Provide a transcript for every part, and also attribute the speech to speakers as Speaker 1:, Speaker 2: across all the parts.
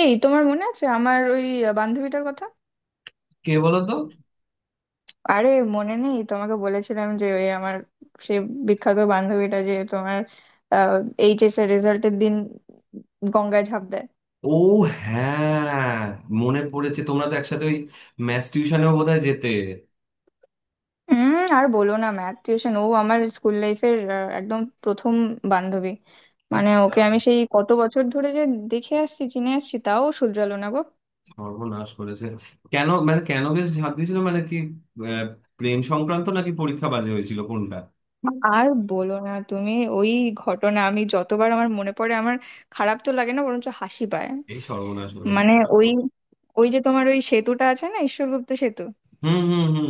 Speaker 1: এই, তোমার মনে আছে আমার ওই বান্ধবীটার কথা?
Speaker 2: কে বলো তো?
Speaker 1: আরে, মনে নেই? তোমাকে বলেছিলাম যে ওই আমার, সে বিখ্যাত বান্ধবীটা যে তোমার এইচএস এর রেজাল্টের দিন গঙ্গায় ঝাঁপ দেয়।
Speaker 2: ও, হ্যাঁ, মনে পড়েছে। তোমরা তো একসাথে ওই ম্যাথ টিউশনেও বোধহয় যেতে।
Speaker 1: হুম, আর বলো না, ম্যাথ টিউশন ও আমার স্কুল লাইফের একদম প্রথম বান্ধবী। মানে
Speaker 2: আচ্ছা।
Speaker 1: ওকে আমি সেই কত বছর ধরে যে দেখে আসছি, চিনে আসছি, তাও শুধরালো না গো।
Speaker 2: সর্বনাশ করেছে। কেন, মানে কেন বেশ ঝাঁপ দিয়েছিল, মানে কি? আহ, প্রেম সংক্রান্ত নাকি পরীক্ষা বাজে হয়েছিল, কোনটা? হুম।
Speaker 1: আর বলো না, তুমি ওই ঘটনা আমি যতবার আমার মনে পড়ে আমার খারাপ তো লাগে না, বরঞ্চ হাসি পায়।
Speaker 2: এই সর্বনাশ করেছে
Speaker 1: মানে
Speaker 2: কেন?
Speaker 1: ওই ওই যে তোমার ওই সেতুটা আছে না, ঈশ্বরগুপ্ত সেতু।
Speaker 2: হুম, হুম, হুম।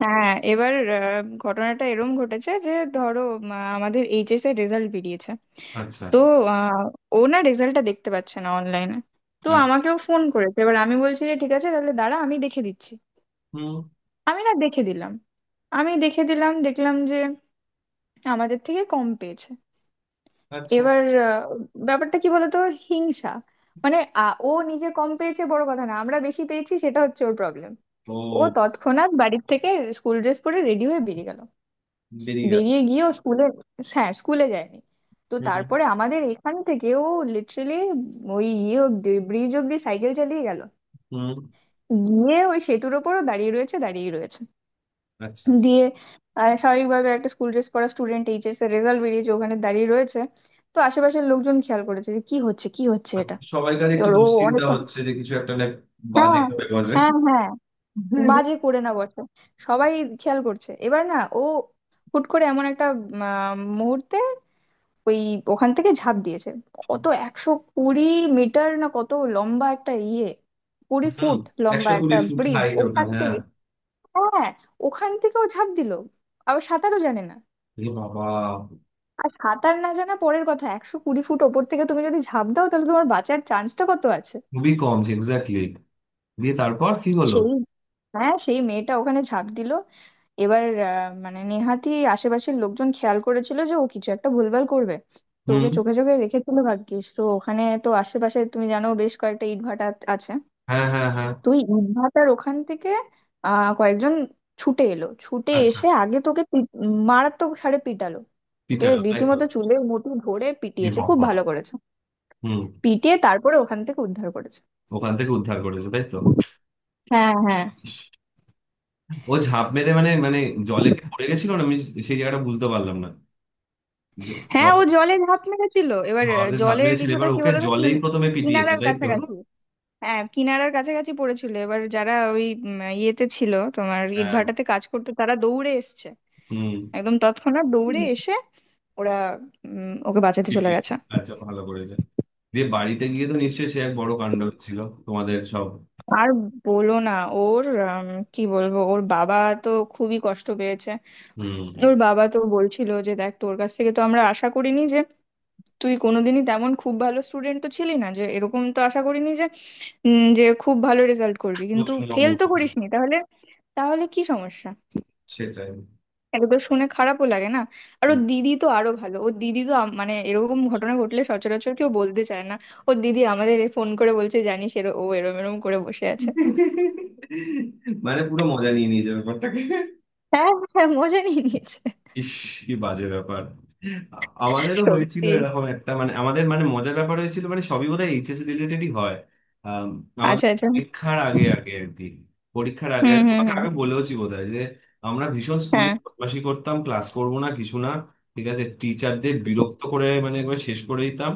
Speaker 1: হ্যাঁ, এবার ঘটনাটা এরম ঘটেছে যে ধরো, আমাদের এইচএস এর রেজাল্ট বেরিয়েছে।
Speaker 2: আচ্ছা।
Speaker 1: তো আহ, ও না রেজাল্টটা দেখতে পাচ্ছে না অনলাইনে। তো
Speaker 2: আ-
Speaker 1: আমাকেও ফোন করেছে, এবার আমি বলছি যে ঠিক আছে তাহলে দাঁড়া আমি দেখে দিচ্ছি।
Speaker 2: হুম।
Speaker 1: আমি না দেখে দিলাম, আমি দেখে দিলাম, দেখলাম যে আমাদের থেকে কম পেয়েছে।
Speaker 2: আচ্ছা।
Speaker 1: এবার আহ, ব্যাপারটা কি বলতো, হিংসা। মানে ও নিজে কম পেয়েছে বড় কথা না, আমরা বেশি পেয়েছি সেটা হচ্ছে ওর প্রবলেম। ও
Speaker 2: ও।
Speaker 1: তৎক্ষণাৎ বাড়ির থেকে স্কুল ড্রেস পরে রেডি হয়ে বেরিয়ে গেল।
Speaker 2: বেরিয়ে গেল।
Speaker 1: বেরিয়ে গিয়ে ও স্কুলে, হ্যাঁ, স্কুলে যায়নি। তো
Speaker 2: হুম, হুম,
Speaker 1: তারপরে আমাদের এখান থেকে ও লিটারেলি ওই ইয়ে অব্দি, ব্রিজ অব্দি সাইকেল চালিয়ে গেল।
Speaker 2: হুম।
Speaker 1: গিয়ে ওই সেতুর ওপরও দাঁড়িয়ে রয়েছে দাঁড়িয়ে রয়েছে।
Speaker 2: আচ্ছা।
Speaker 1: দিয়ে স্বাভাবিকভাবে একটা স্কুল ড্রেস পরা স্টুডেন্ট, এইচএস এর রেজাল্ট বেরিয়েছে, ওখানে দাঁড়িয়ে রয়েছে। তো আশেপাশের লোকজন খেয়াল করেছে যে কি হচ্ছে কি হচ্ছে এটা।
Speaker 2: সবাইকার একটু
Speaker 1: এবার ও
Speaker 2: দুশ্চিন্তা
Speaker 1: অনেকক্ষণ,
Speaker 2: হচ্ছে যে কিছু একটা না বাজে
Speaker 1: হ্যাঁ
Speaker 2: করে, বাজে।
Speaker 1: হ্যাঁ হ্যাঁ, বাজে করে না বটে, সবাই খেয়াল করছে। এবার না ও হুট করে এমন একটা মুহূর্তে ওই ওখান থেকে ঝাঁপ দিয়েছে। কত 120 মিটার, না কত লম্বা একটা ইয়ে, কুড়ি
Speaker 2: হুম।
Speaker 1: ফুট লম্বা
Speaker 2: 120
Speaker 1: একটা
Speaker 2: ফুট
Speaker 1: ব্রিজ,
Speaker 2: হাইট ওটা,
Speaker 1: ওখান
Speaker 2: হ্যাঁ।
Speaker 1: থেকে। হ্যাঁ, ওখান থেকেও ঝাঁপ দিল, আবার সাঁতারও জানে না।
Speaker 2: এ বাবা।
Speaker 1: আর সাঁতার না জানা পরের কথা, 120 ফুট ওপর থেকে তুমি যদি ঝাঁপ দাও তাহলে তোমার বাঁচার চান্সটা কত আছে?
Speaker 2: খুবই কম, এক্স্যাক্টলি। দিয়ে তারপর কি হলো?
Speaker 1: সেই, হ্যাঁ সেই মেয়েটা ওখানে ঝাঁপ দিল। এবার মানে নেহাতি আশেপাশের লোকজন খেয়াল করেছিল যে ও কিছু একটা ভুলভাল করবে। তো ওকে
Speaker 2: হুম।
Speaker 1: চোখে চোখে রেখেছিল, ভাগ্যিস। তো ওখানে তো আশেপাশে তুমি জানো বেশ কয়েকটা ইটভাটা আছে।
Speaker 2: হ্যাঁ, হ্যাঁ, হ্যাঁ।
Speaker 1: তো ওই ইটভাটার ওখান থেকে কয়েকজন ছুটে এলো, ছুটে
Speaker 2: আচ্ছা।
Speaker 1: এসে মারাত্মক হারে পিটালো। ওকে
Speaker 2: পিটালো, তাই তো।
Speaker 1: রীতিমতো চুলের মুঠি ধরে
Speaker 2: এ
Speaker 1: পিটিয়েছে, খুব
Speaker 2: বাবা।
Speaker 1: ভালো করেছে।
Speaker 2: হুম।
Speaker 1: পিটিয়ে তারপরে ওখান থেকে উদ্ধার করেছে।
Speaker 2: ওখান থেকে উদ্ধার করেছে, তাই তো।
Speaker 1: হ্যাঁ হ্যাঁ
Speaker 2: ও ঝাঁপ মেরে মানে মানে জলে কি পড়ে গেছিল, না আমি সেই জায়গাটা বুঝতে পারলাম না।
Speaker 1: হ্যাঁ,
Speaker 2: জল।
Speaker 1: ও জলে ঝাঁপ মেরেছিল। এবার
Speaker 2: জলে ঝাঁপ
Speaker 1: জলের
Speaker 2: মেরেছিল,
Speaker 1: কিছুটা
Speaker 2: এবার
Speaker 1: কি
Speaker 2: ওকে
Speaker 1: বলো না,
Speaker 2: জলেই প্রথমে পিটিয়েছে,
Speaker 1: কিনারার
Speaker 2: তাই তো।
Speaker 1: কাছাকাছি। হ্যাঁ, কিনারার কাছাকাছি পড়েছিল। এবার যারা ওই ইয়েতে ছিল, তোমার
Speaker 2: হ্যাঁ।
Speaker 1: ইটভাটাতে কাজ করতো, তারা দৌড়ে এসছে।
Speaker 2: হুম।
Speaker 1: একদম তৎক্ষণাৎ দৌড়ে এসে ওরা ওকে বাঁচাতে চলে
Speaker 2: পিটিয়েছে।
Speaker 1: গেছে।
Speaker 2: আচ্ছা, ভালো করেছে। দিয়ে বাড়িতে গিয়ে তো নিশ্চয়ই সে এক বড় কাণ্ড ছিল তোমাদের সব।
Speaker 1: আর বলো না, ওর কি বলবো, ওর বাবা তো খুবই কষ্ট পেয়েছে।
Speaker 2: হুম।
Speaker 1: ওর বাবা তো বলছিল যে দেখ, তোর কাছ থেকে তো আমরা আশা করিনি যে তুই কোনোদিনই, তেমন খুব ভালো স্টুডেন্ট তো ছিলি না, যে এরকম তো আশা করিনি যে যে খুব ভালো রেজাল্ট করবি, কিন্তু
Speaker 2: প্রচুর
Speaker 1: ফেল
Speaker 2: নম্বর
Speaker 1: তো
Speaker 2: পাবে।
Speaker 1: করিসনি, তাহলে। তাহলে কি সমস্যা?
Speaker 2: সেটাই।
Speaker 1: এগুলো শুনে খারাপও লাগে না। আর ওর
Speaker 2: হুম।
Speaker 1: দিদি তো আরো ভালো, ওর দিদি তো মানে এরকম ঘটনা ঘটলে সচরাচর কেউ বলতে চায় না। ওর দিদি আমাদের এ ফোন করে বলছে, জানিস, এর ও এরম এরম করে বসে আছে।
Speaker 2: মানে পুরো মজা নিয়ে নিয়েছে ব্যাপারটাকে।
Speaker 1: হ্যাঁ হ্যাঁ, মজা নিয়ে নিয়েছে।
Speaker 2: ইস, কি বাজে ব্যাপার। আ- আমাদেরও হয়েছিল
Speaker 1: সত্যি।
Speaker 2: এরকম একটা, মানে আমাদের মানে মজার ব্যাপার হয়েছিল, মানে সবই বোধহয় এইচএস রিলেটেডই হয়। আম, আমাদের
Speaker 1: আচ্ছা আচ্ছা।
Speaker 2: পরীক্ষার আগে আগে আর কি।
Speaker 1: হুম হুম
Speaker 2: তোমাকে
Speaker 1: হুম।
Speaker 2: আগে বলেওছি বোধহয় যে আমরা ভীষণ স্কুলে
Speaker 1: হ্যাঁ।
Speaker 2: বদমাশি করতাম, ক্লাস করবো না কিছু না। ঠিক আছে, টিচারদের বিরক্ত করে মানে একবার শেষ করে দিতাম।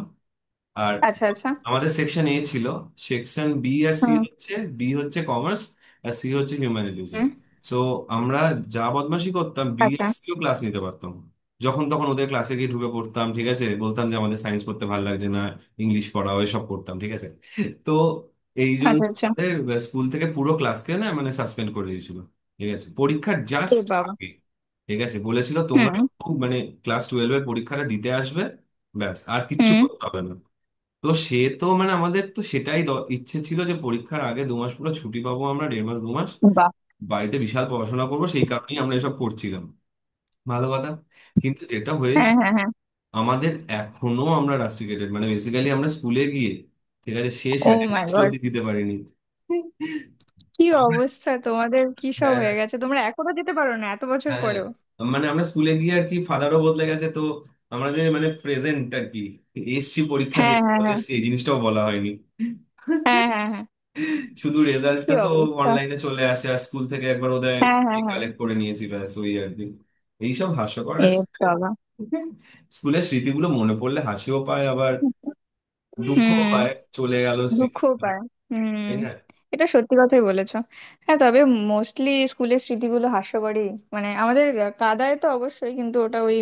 Speaker 2: আর
Speaker 1: আচ্ছা আচ্ছা।
Speaker 2: আমাদের সেকশন এ ছিল। সেকশন বি আর সি
Speaker 1: হুম
Speaker 2: হচ্ছে, বি হচ্ছে কমার্স, আর সি হচ্ছে হিউম্যানিটিজ।
Speaker 1: হুম।
Speaker 2: সো আমরা যা বদমাশি করতাম, বি আর
Speaker 1: আচ্ছা
Speaker 2: সিও ক্লাস নিতে পারতাম না। যখন তখন ওদের ক্লাসে গিয়ে ঢুকে পড়তাম, ঠিক আছে, বলতাম যে আমাদের সায়েন্স পড়তে ভালো লাগছে না, ইংলিশ পড়াও, এসব করতাম ঠিক আছে। তো এই জন্য
Speaker 1: আচ্ছা আচ্ছা।
Speaker 2: আমাদের স্কুল থেকে পুরো ক্লাসকে না মানে সাসপেন্ড করে দিয়েছিল। ঠিক আছে, পরীক্ষার
Speaker 1: এ
Speaker 2: জাস্ট
Speaker 1: বাবা।
Speaker 2: আগে। ঠিক আছে, বলেছিল তোমরা
Speaker 1: হুম
Speaker 2: শুধু মানে ক্লাস টুয়েলভ এর পরীক্ষাটা দিতে আসবে, ব্যাস আর কিচ্ছু
Speaker 1: হুম।
Speaker 2: করতে হবে না। তো সে তো মানে আমাদের তো সেটাই ইচ্ছে ছিল যে পরীক্ষার আগে দু মাস পুরো ছুটি পাবো আমরা, দেড় মাস দু মাস
Speaker 1: বাহ।
Speaker 2: বাড়িতে বিশাল পড়াশোনা করবো, সেই কারণেই আমরা এসব করছিলাম। ভালো কথা। কিন্তু যেটা
Speaker 1: হ্যাঁ
Speaker 2: হয়েছে
Speaker 1: হ্যাঁ হ্যাঁ।
Speaker 2: আমাদের, এখনো আমরা রাস্টিকেটেড মানে বেসিক্যালি আমরা স্কুলে গিয়ে ঠিক আছে শেষ
Speaker 1: ও মাই
Speaker 2: অ্যাটেন্ডেন্স
Speaker 1: গড।
Speaker 2: অব্দি দিতে পারিনি।
Speaker 1: কি
Speaker 2: আমরা,
Speaker 1: অবস্থা তোমাদের, কি সব
Speaker 2: হ্যাঁ,
Speaker 1: হয়ে গেছে, তোমরা এখনো যেতে পারো না এত বছর
Speaker 2: হ্যাঁ, হ্যাঁ।
Speaker 1: পরেও?
Speaker 2: মানে আমরা স্কুলে গিয়ে আর কি, ফাদারও বদলে গেছে তো, আমরা যে মানে প্রেজেন্ট আর কি এসছি পরীক্ষা দিয়ে
Speaker 1: হ্যাঁ হ্যাঁ হ্যাঁ।
Speaker 2: এসছি এই জিনিসটাও বলা হয়নি।
Speaker 1: হ্যাঁ হ্যাঁ হ্যাঁ।
Speaker 2: শুধু
Speaker 1: কি
Speaker 2: রেজাল্টটা তো
Speaker 1: অবস্থা।
Speaker 2: অনলাইনে চলে আসে আর স্কুল থেকে একবার ওদের
Speaker 1: হ্যাঁ হ্যাঁ হ্যাঁ।
Speaker 2: কালেক্ট করে নিয়েছি, ব্যাস ওই আর কি। এইসব হাস্যকর
Speaker 1: এ বাবা।
Speaker 2: স্কুলের স্মৃতিগুলো মনে পড়লে হাসিও পায়, আবার দুঃখ
Speaker 1: হুম।
Speaker 2: হয়। চলে গেল
Speaker 1: দুঃখ
Speaker 2: স্মৃতি,
Speaker 1: পায়। হুম।
Speaker 2: তাই না।
Speaker 1: এটা সত্যি কথাই বলেছো। হ্যাঁ তবে মোস্টলি স্কুলের স্মৃতিগুলো হাস্যকরই, মানে আমাদের কাদায় তো অবশ্যই, কিন্তু ওটা ওই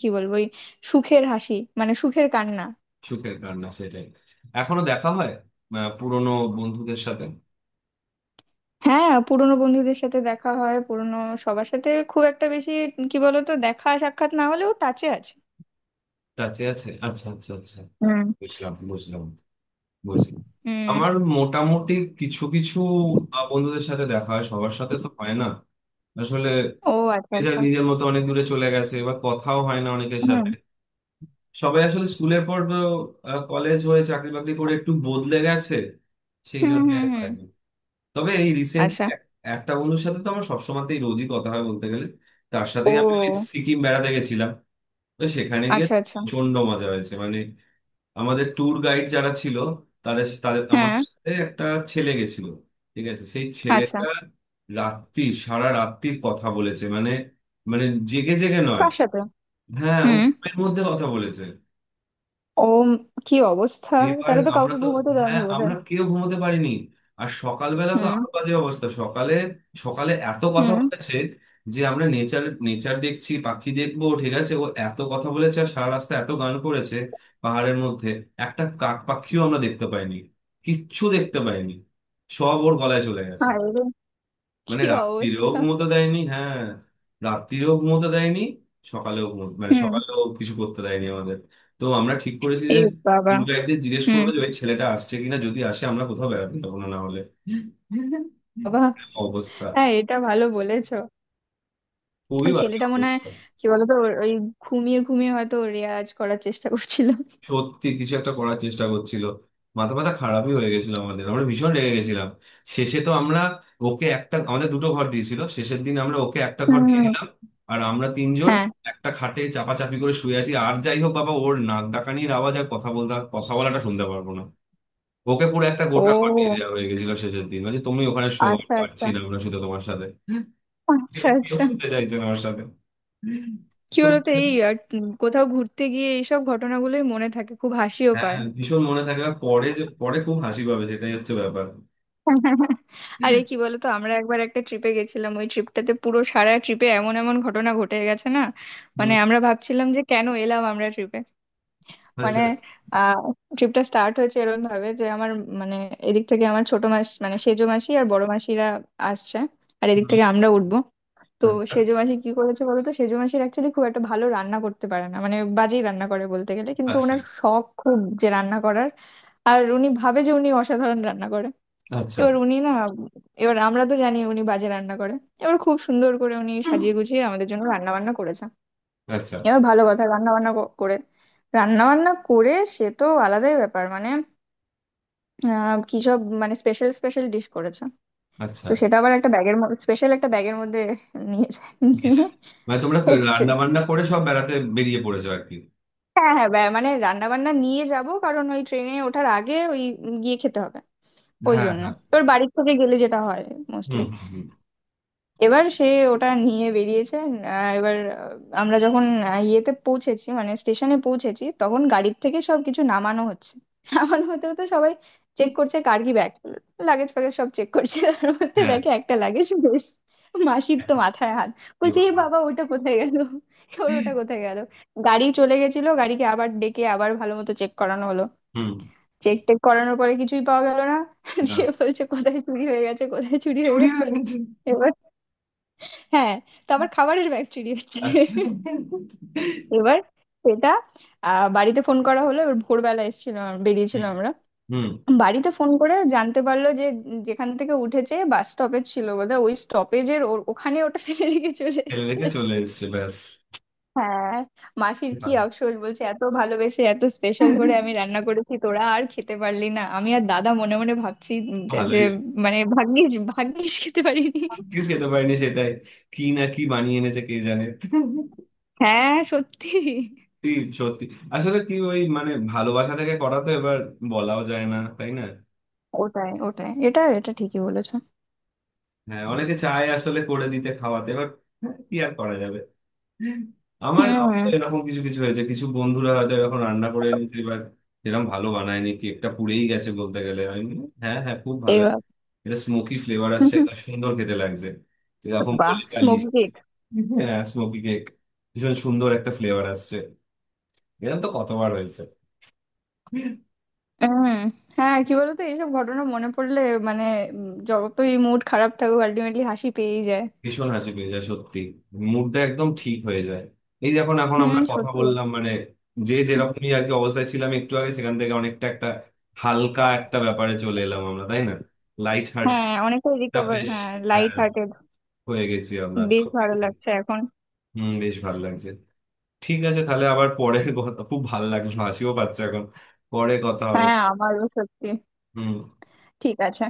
Speaker 1: কি বলবো, ওই সুখের হাসি, মানে সুখের কান্না।
Speaker 2: সুখের কান্না, সেটাই। এখনো দেখা হয় পুরনো বন্ধুদের সাথে।
Speaker 1: হ্যাঁ, পুরোনো বন্ধুদের সাথে দেখা হয়, পুরোনো সবার সাথে খুব একটা বেশি কি বলতো দেখা সাক্ষাৎ না হলেও, টাচে আছে।
Speaker 2: টাচে আছে। আচ্ছা, আচ্ছা, আচ্ছা।
Speaker 1: হুম
Speaker 2: বুঝলাম, বুঝলাম, বুঝলাম।
Speaker 1: হুম।
Speaker 2: আমার মোটামুটি কিছু কিছু বন্ধুদের সাথে দেখা হয়, সবার সাথে তো হয় না আসলে।
Speaker 1: ও আচ্ছা
Speaker 2: নিজের
Speaker 1: আচ্ছা।
Speaker 2: নিজের মতো অনেক দূরে চলে গেছে বা কথাও হয় না অনেকের
Speaker 1: হুম
Speaker 2: সাথে। সবাই আসলে স্কুলের পর কলেজ হয়ে চাকরি বাকরি করে একটু বদলে গেছে, সেই
Speaker 1: হুম
Speaker 2: জন্য
Speaker 1: হুম
Speaker 2: আর
Speaker 1: হুম।
Speaker 2: হয়নি। তবে এই রিসেন্টলি
Speaker 1: আচ্ছা।
Speaker 2: একটা বন্ধুর সাথে তো আমার সবসময়তেই রোজই কথা হয় বলতে গেলে, তার সাথেই আমি ওই
Speaker 1: ও
Speaker 2: সিকিম বেড়াতে গেছিলাম। তো সেখানে গিয়ে
Speaker 1: আচ্ছা আচ্ছা।
Speaker 2: প্রচন্ড মজা হয়েছে মানে। আমাদের ট্যুর গাইড যারা ছিল তাদের তাদের
Speaker 1: হ্যাঁ।
Speaker 2: আমাদের সাথে একটা ছেলে গেছিল ঠিক আছে, সেই
Speaker 1: আচ্ছা।
Speaker 2: ছেলেটা রাত্রি সারা রাত্রির কথা বলেছে মানে। মানে জেগে জেগে নয়,
Speaker 1: কার সাথে?
Speaker 2: হ্যাঁ, ও
Speaker 1: হুম।
Speaker 2: ঘুমের মধ্যে কথা বলেছে।
Speaker 1: ও, কি অবস্থা।
Speaker 2: এবার
Speaker 1: তাহলে তো
Speaker 2: আমরা
Speaker 1: কাউকে
Speaker 2: তো,
Speaker 1: ঘুমোতে দেয়নি
Speaker 2: হ্যাঁ,
Speaker 1: বোধহয়।
Speaker 2: আমরা কেউ ঘুমোতে পারিনি। আর সকালবেলা তো
Speaker 1: হুম
Speaker 2: আরো বাজে অবস্থা, সকালে সকালে এত কথা
Speaker 1: হুম।
Speaker 2: বলেছে যে আমরা নেচার নেচার দেখছি, পাখি দেখবো ঠিক আছে, ও এত কথা বলেছে আর সারা রাস্তা এত গান করেছে পাহাড়ের মধ্যে, একটা কাক পাখিও আমরা দেখতে পাইনি, কিচ্ছু দেখতে পাইনি, সব ওর গলায় চলে গেছে।
Speaker 1: আরে রে,
Speaker 2: মানে
Speaker 1: কি
Speaker 2: রাত্তিরেও
Speaker 1: অবস্থা।
Speaker 2: ঘুমোতে দেয়নি, হ্যাঁ, রাত্তিরেও ঘুমোতে দেয়নি, সকালেও ঘুমো মানে
Speaker 1: হুম।
Speaker 2: সকালেও কিছু করতে দেয়নি আমাদের। তো আমরা ঠিক করেছি
Speaker 1: এ
Speaker 2: যে
Speaker 1: বাবা।
Speaker 2: ট্যুর গাইডদের জিজ্ঞেস
Speaker 1: হুম।
Speaker 2: করবে যে ওই ছেলেটা আসছে কিনা, যদি আসে আমরা কোথাও বেড়াতে যাবো না, না হলে
Speaker 1: বাবা।
Speaker 2: অবস্থা।
Speaker 1: হ্যাঁ, এটা ভালো বলেছো।
Speaker 2: খুবই
Speaker 1: ওই
Speaker 2: বাজে
Speaker 1: ছেলেটা মনে হয়,
Speaker 2: অবস্থা।
Speaker 1: কি বলতো ওর ওই, ঘুমিয়ে ঘুমিয়ে হয়তো ওর রেয়াজ করার চেষ্টা করছিল।
Speaker 2: সত্যি কিছু একটা করার চেষ্টা করছিল। মাথা মাথা খারাপই হয়ে গেছিল আমাদের, আমরা ভীষণ রেগে গেছিলাম। শেষে তো আমরা, ওকে একটা আমাদের দুটো ঘর দিয়েছিল শেষের দিন, আমরা ওকে একটা ঘর দিয়ে
Speaker 1: হুম।
Speaker 2: দিলাম। আর আমরা তিনজন
Speaker 1: হ্যাঁ।
Speaker 2: একটা খাটে চাপাচাপি করে শুয়ে আছি, আর যাই হোক বাবা ওর নাক ডাকানির আওয়াজ আর কথা বলতে, কথা বলাটা শুনতে পারবো না। ওকে পুরো একটা গোটা ঘর দিয়ে
Speaker 1: ও
Speaker 2: দেওয়া হয়ে গেছিল শেষের দিন, মানে তুমি ওখানে শোয়া
Speaker 1: আচ্ছা
Speaker 2: পারছি
Speaker 1: আচ্ছা।
Speaker 2: না আমরা, শুধু তোমার সাথে কেউ
Speaker 1: আচ্ছা
Speaker 2: কেউ
Speaker 1: আচ্ছা।
Speaker 2: শুনতে চাইছে না আমার সাথে।
Speaker 1: কি
Speaker 2: তুমি,
Speaker 1: বলতো, এই আর কোথাও ঘুরতে গিয়ে এইসব ঘটনাগুলোই মনে থাকে, খুব হাসিও
Speaker 2: হ্যাঁ,
Speaker 1: পায়।
Speaker 2: হ্যাঁ, ভীষণ মনে থাকবে আর পরে যে পরে খুব হাসি পাবে সেটাই হচ্ছে ব্যাপার।
Speaker 1: আরে কি বলতো, আমরা একবার একটা ট্রিপে গেছিলাম, ওই ট্রিপটাতে পুরো সারা ট্রিপে এমন এমন ঘটনা ঘটে গেছে না, মানে
Speaker 2: হুম,
Speaker 1: আমরা ভাবছিলাম যে কেন এলাম আমরা ট্রিপে। মানে
Speaker 2: আচ্ছা।
Speaker 1: আহ ট্রিপটা স্টার্ট হয়েছে এরকম ভাবে যে আমার মানে, এদিক থেকে আমার ছোট মাস, মানে সেজো মাসি আর বড় মাসিরা আসছে, আর এদিক
Speaker 2: হুম,
Speaker 1: থেকে আমরা উঠবো। তো সেজো মাসি কি করেছে বলো তো, সেজো মাসির অ্যাকচুয়ালি খুব একটা ভালো রান্না করতে পারে না, মানে বাজেই রান্না করে বলতে গেলে, কিন্তু
Speaker 2: আচ্ছা,
Speaker 1: ওনার শখ খুব যে রান্না করার। আর উনি ভাবে যে উনি অসাধারণ রান্না করে।
Speaker 2: আচ্ছা।
Speaker 1: এবার উনি না, এবার আমরা তো জানি উনি বাজে রান্না করে। এবার খুব সুন্দর করে উনি
Speaker 2: হুম,
Speaker 1: সাজিয়ে গুছিয়ে আমাদের জন্য রান্না বান্না করেছে।
Speaker 2: আচ্ছা,
Speaker 1: এবার ভালো কথা, রান্না বান্না করে, রান্না বান্না করে সে তো আলাদাই ব্যাপার, মানে কি সব, মানে স্পেশাল স্পেশাল ডিশ করেছে।
Speaker 2: আচ্ছা।
Speaker 1: তো সেটা আবার একটা ব্যাগের, স্পেশাল একটা ব্যাগের মধ্যে নিয়ে যায়,
Speaker 2: বেশ।
Speaker 1: নিয়ে
Speaker 2: মানে তোমরা
Speaker 1: এসছে।
Speaker 2: রান্না বান্না করে সব বেড়াতে বেরিয়ে পড়েছো আর কি।
Speaker 1: হ্যাঁ হ্যাঁ, মানে রান্না বান্না নিয়ে যাব কারণ ওই ট্রেনে ওঠার আগে ওই গিয়ে খেতে হবে, ওই
Speaker 2: হ্যাঁ,
Speaker 1: জন্য,
Speaker 2: হ্যাঁ।
Speaker 1: তোর বাড়ির থেকে গেলে যেটা হয়
Speaker 2: হুম,
Speaker 1: মোস্টলি।
Speaker 2: হুম, হুম।
Speaker 1: এবার সে ওটা নিয়ে বেরিয়েছে। এবার আমরা যখন ইয়েতে পৌঁছেছি, মানে স্টেশনে পৌঁছেছি, তখন গাড়ির থেকে সবকিছু নামানো হচ্ছে। নামানো হতে হতে সবাই চেক
Speaker 2: হুম,
Speaker 1: করছে, কার কি ব্যাগ, লাগেজ ফ্যাগেজ সব চেক করছে, তার মধ্যে
Speaker 2: হ্যাঁ।
Speaker 1: দেখে একটা লাগেজ বেশ, মাসির তো মাথায় হাত।
Speaker 2: এ
Speaker 1: বলছে এ
Speaker 2: বাবা।
Speaker 1: বাবা ওটা কোথায় গেল, ওর ওটা কোথায় গেল। গাড়ি চলে গেছিল, গাড়িকে আবার ডেকে আবার ভালো মতো চেক করানো হলো।
Speaker 2: হুম।
Speaker 1: চেক টেক করানোর পরে কিছুই পাওয়া গেল না।
Speaker 2: না,
Speaker 1: দিয়ে বলছে কোথায় চুরি হয়ে গেছে, কোথায় চুরি হয়ে
Speaker 2: চুরি
Speaker 1: গেছে।
Speaker 2: হয়ে গেছে।
Speaker 1: হ্যাঁ, তো আবার খাবারের ব্যাগ চুরি হচ্ছে।
Speaker 2: আচ্ছা।
Speaker 1: এবার সেটা বাড়িতে ফোন করা হলো। এবার ভোরবেলা এসেছিল, বেরিয়েছিল
Speaker 2: হুম,
Speaker 1: আমরা।
Speaker 2: হুম।
Speaker 1: বাড়িতে ফোন করে জানতে পারলো যে যেখান থেকে উঠেছে, বাস স্টপেজ ছিল বোধহয়, ওই স্টপেজের ওখানে ওটা ফেলে রেখে চলে
Speaker 2: ফেলে
Speaker 1: এসেছে।
Speaker 2: রেখে চলে এসছে, ব্যাস।
Speaker 1: হ্যাঁ। মাসির কি আফসোস, বলছে এত ভালোবেসে, এত স্পেশাল করে আমি রান্না করেছি, তোরা আর খেতে পারলি না। আমি আর দাদা মনে মনে ভাবছি যে
Speaker 2: ভালোই।
Speaker 1: মানে ভাগ্যিস, ভাগ্যিস খেতে পারিনি।
Speaker 2: কিছু খেতে পারিনি, সেটাই। কি না কি বানিয়ে এনেছে কে জানে।
Speaker 1: হ্যাঁ সত্যি।
Speaker 2: সত্যি। সত্যি। আসলে কি ওই মানে ভালোবাসা থেকে করা তো এবার, বলাও যায় না, তাই না।
Speaker 1: ওটাই ওটাই এটা এটা ঠিকই বলেছো।
Speaker 2: হ্যাঁ, অনেকে চায় আসলে করে দিতে, খাওয়াতে এবার। হ্যাঁ, কি আর করা যাবে। আমার আমার তো
Speaker 1: হুম।
Speaker 2: এরকম কিছু কিছু হয়েছে, কিছু বন্ধুরা হয়তো এখন রান্না করে এনেছে এবার এরকম, ভালো বানায়নি, কেকটা পুড়েই গেছে বলতে গেলে, আমি বলি, হ্যাঁ, হ্যাঁ, খুব ভালো হয়েছে।
Speaker 1: এবার,
Speaker 2: এটা স্মোকি ফ্লেভার আসছে, একটা সুন্দর খেতে লাগছে, এরকম
Speaker 1: বাহ
Speaker 2: বলে চালিয়ে দিচ্ছি।
Speaker 1: স্মোকিং।
Speaker 2: হ্যাঁ, স্মোকি কেক। ভীষণ সুন্দর একটা ফ্লেভার আসছে। এরকম তো কতবার হয়েছে।
Speaker 1: হুম। হ্যাঁ কি বলতো, এইসব ঘটনা মনে পড়লে মানে, যতই মুড খারাপ থাকুক আলটিমেটলি হাসি পেয়েই যায়।
Speaker 2: ভীষণ হাসি পেয়ে যায় সত্যি, মুডটা একদম ঠিক হয়ে যায়। এই যখন এখন
Speaker 1: হুম
Speaker 2: আমরা কথা
Speaker 1: সত্যি।
Speaker 2: বললাম মানে, যে যেরকমই আর কি অবস্থায় ছিলাম একটু আগে, সেখান থেকে অনেকটা একটা হালকা একটা ব্যাপারে চলে এলাম আমরা, তাই না। লাইট
Speaker 1: হ্যাঁ
Speaker 2: হার্টটা,
Speaker 1: অনেকটাই রিকভার,
Speaker 2: বেশ,
Speaker 1: হ্যাঁ
Speaker 2: হ্যাঁ,
Speaker 1: লাইট হার্টেড।
Speaker 2: হয়ে গেছি আমরা
Speaker 1: বেশ
Speaker 2: সত্যি।
Speaker 1: ভালো লাগছে এখন।
Speaker 2: হম, বেশ ভালো লাগছে। ঠিক আছে তাহলে আবার পরে কথা, খুব ভালো লাগলো, হাসিও পাচ্ছে এখন, পরে কথা হবে।
Speaker 1: হ্যাঁ আমারও সত্যি।
Speaker 2: হম।
Speaker 1: ঠিক আছে।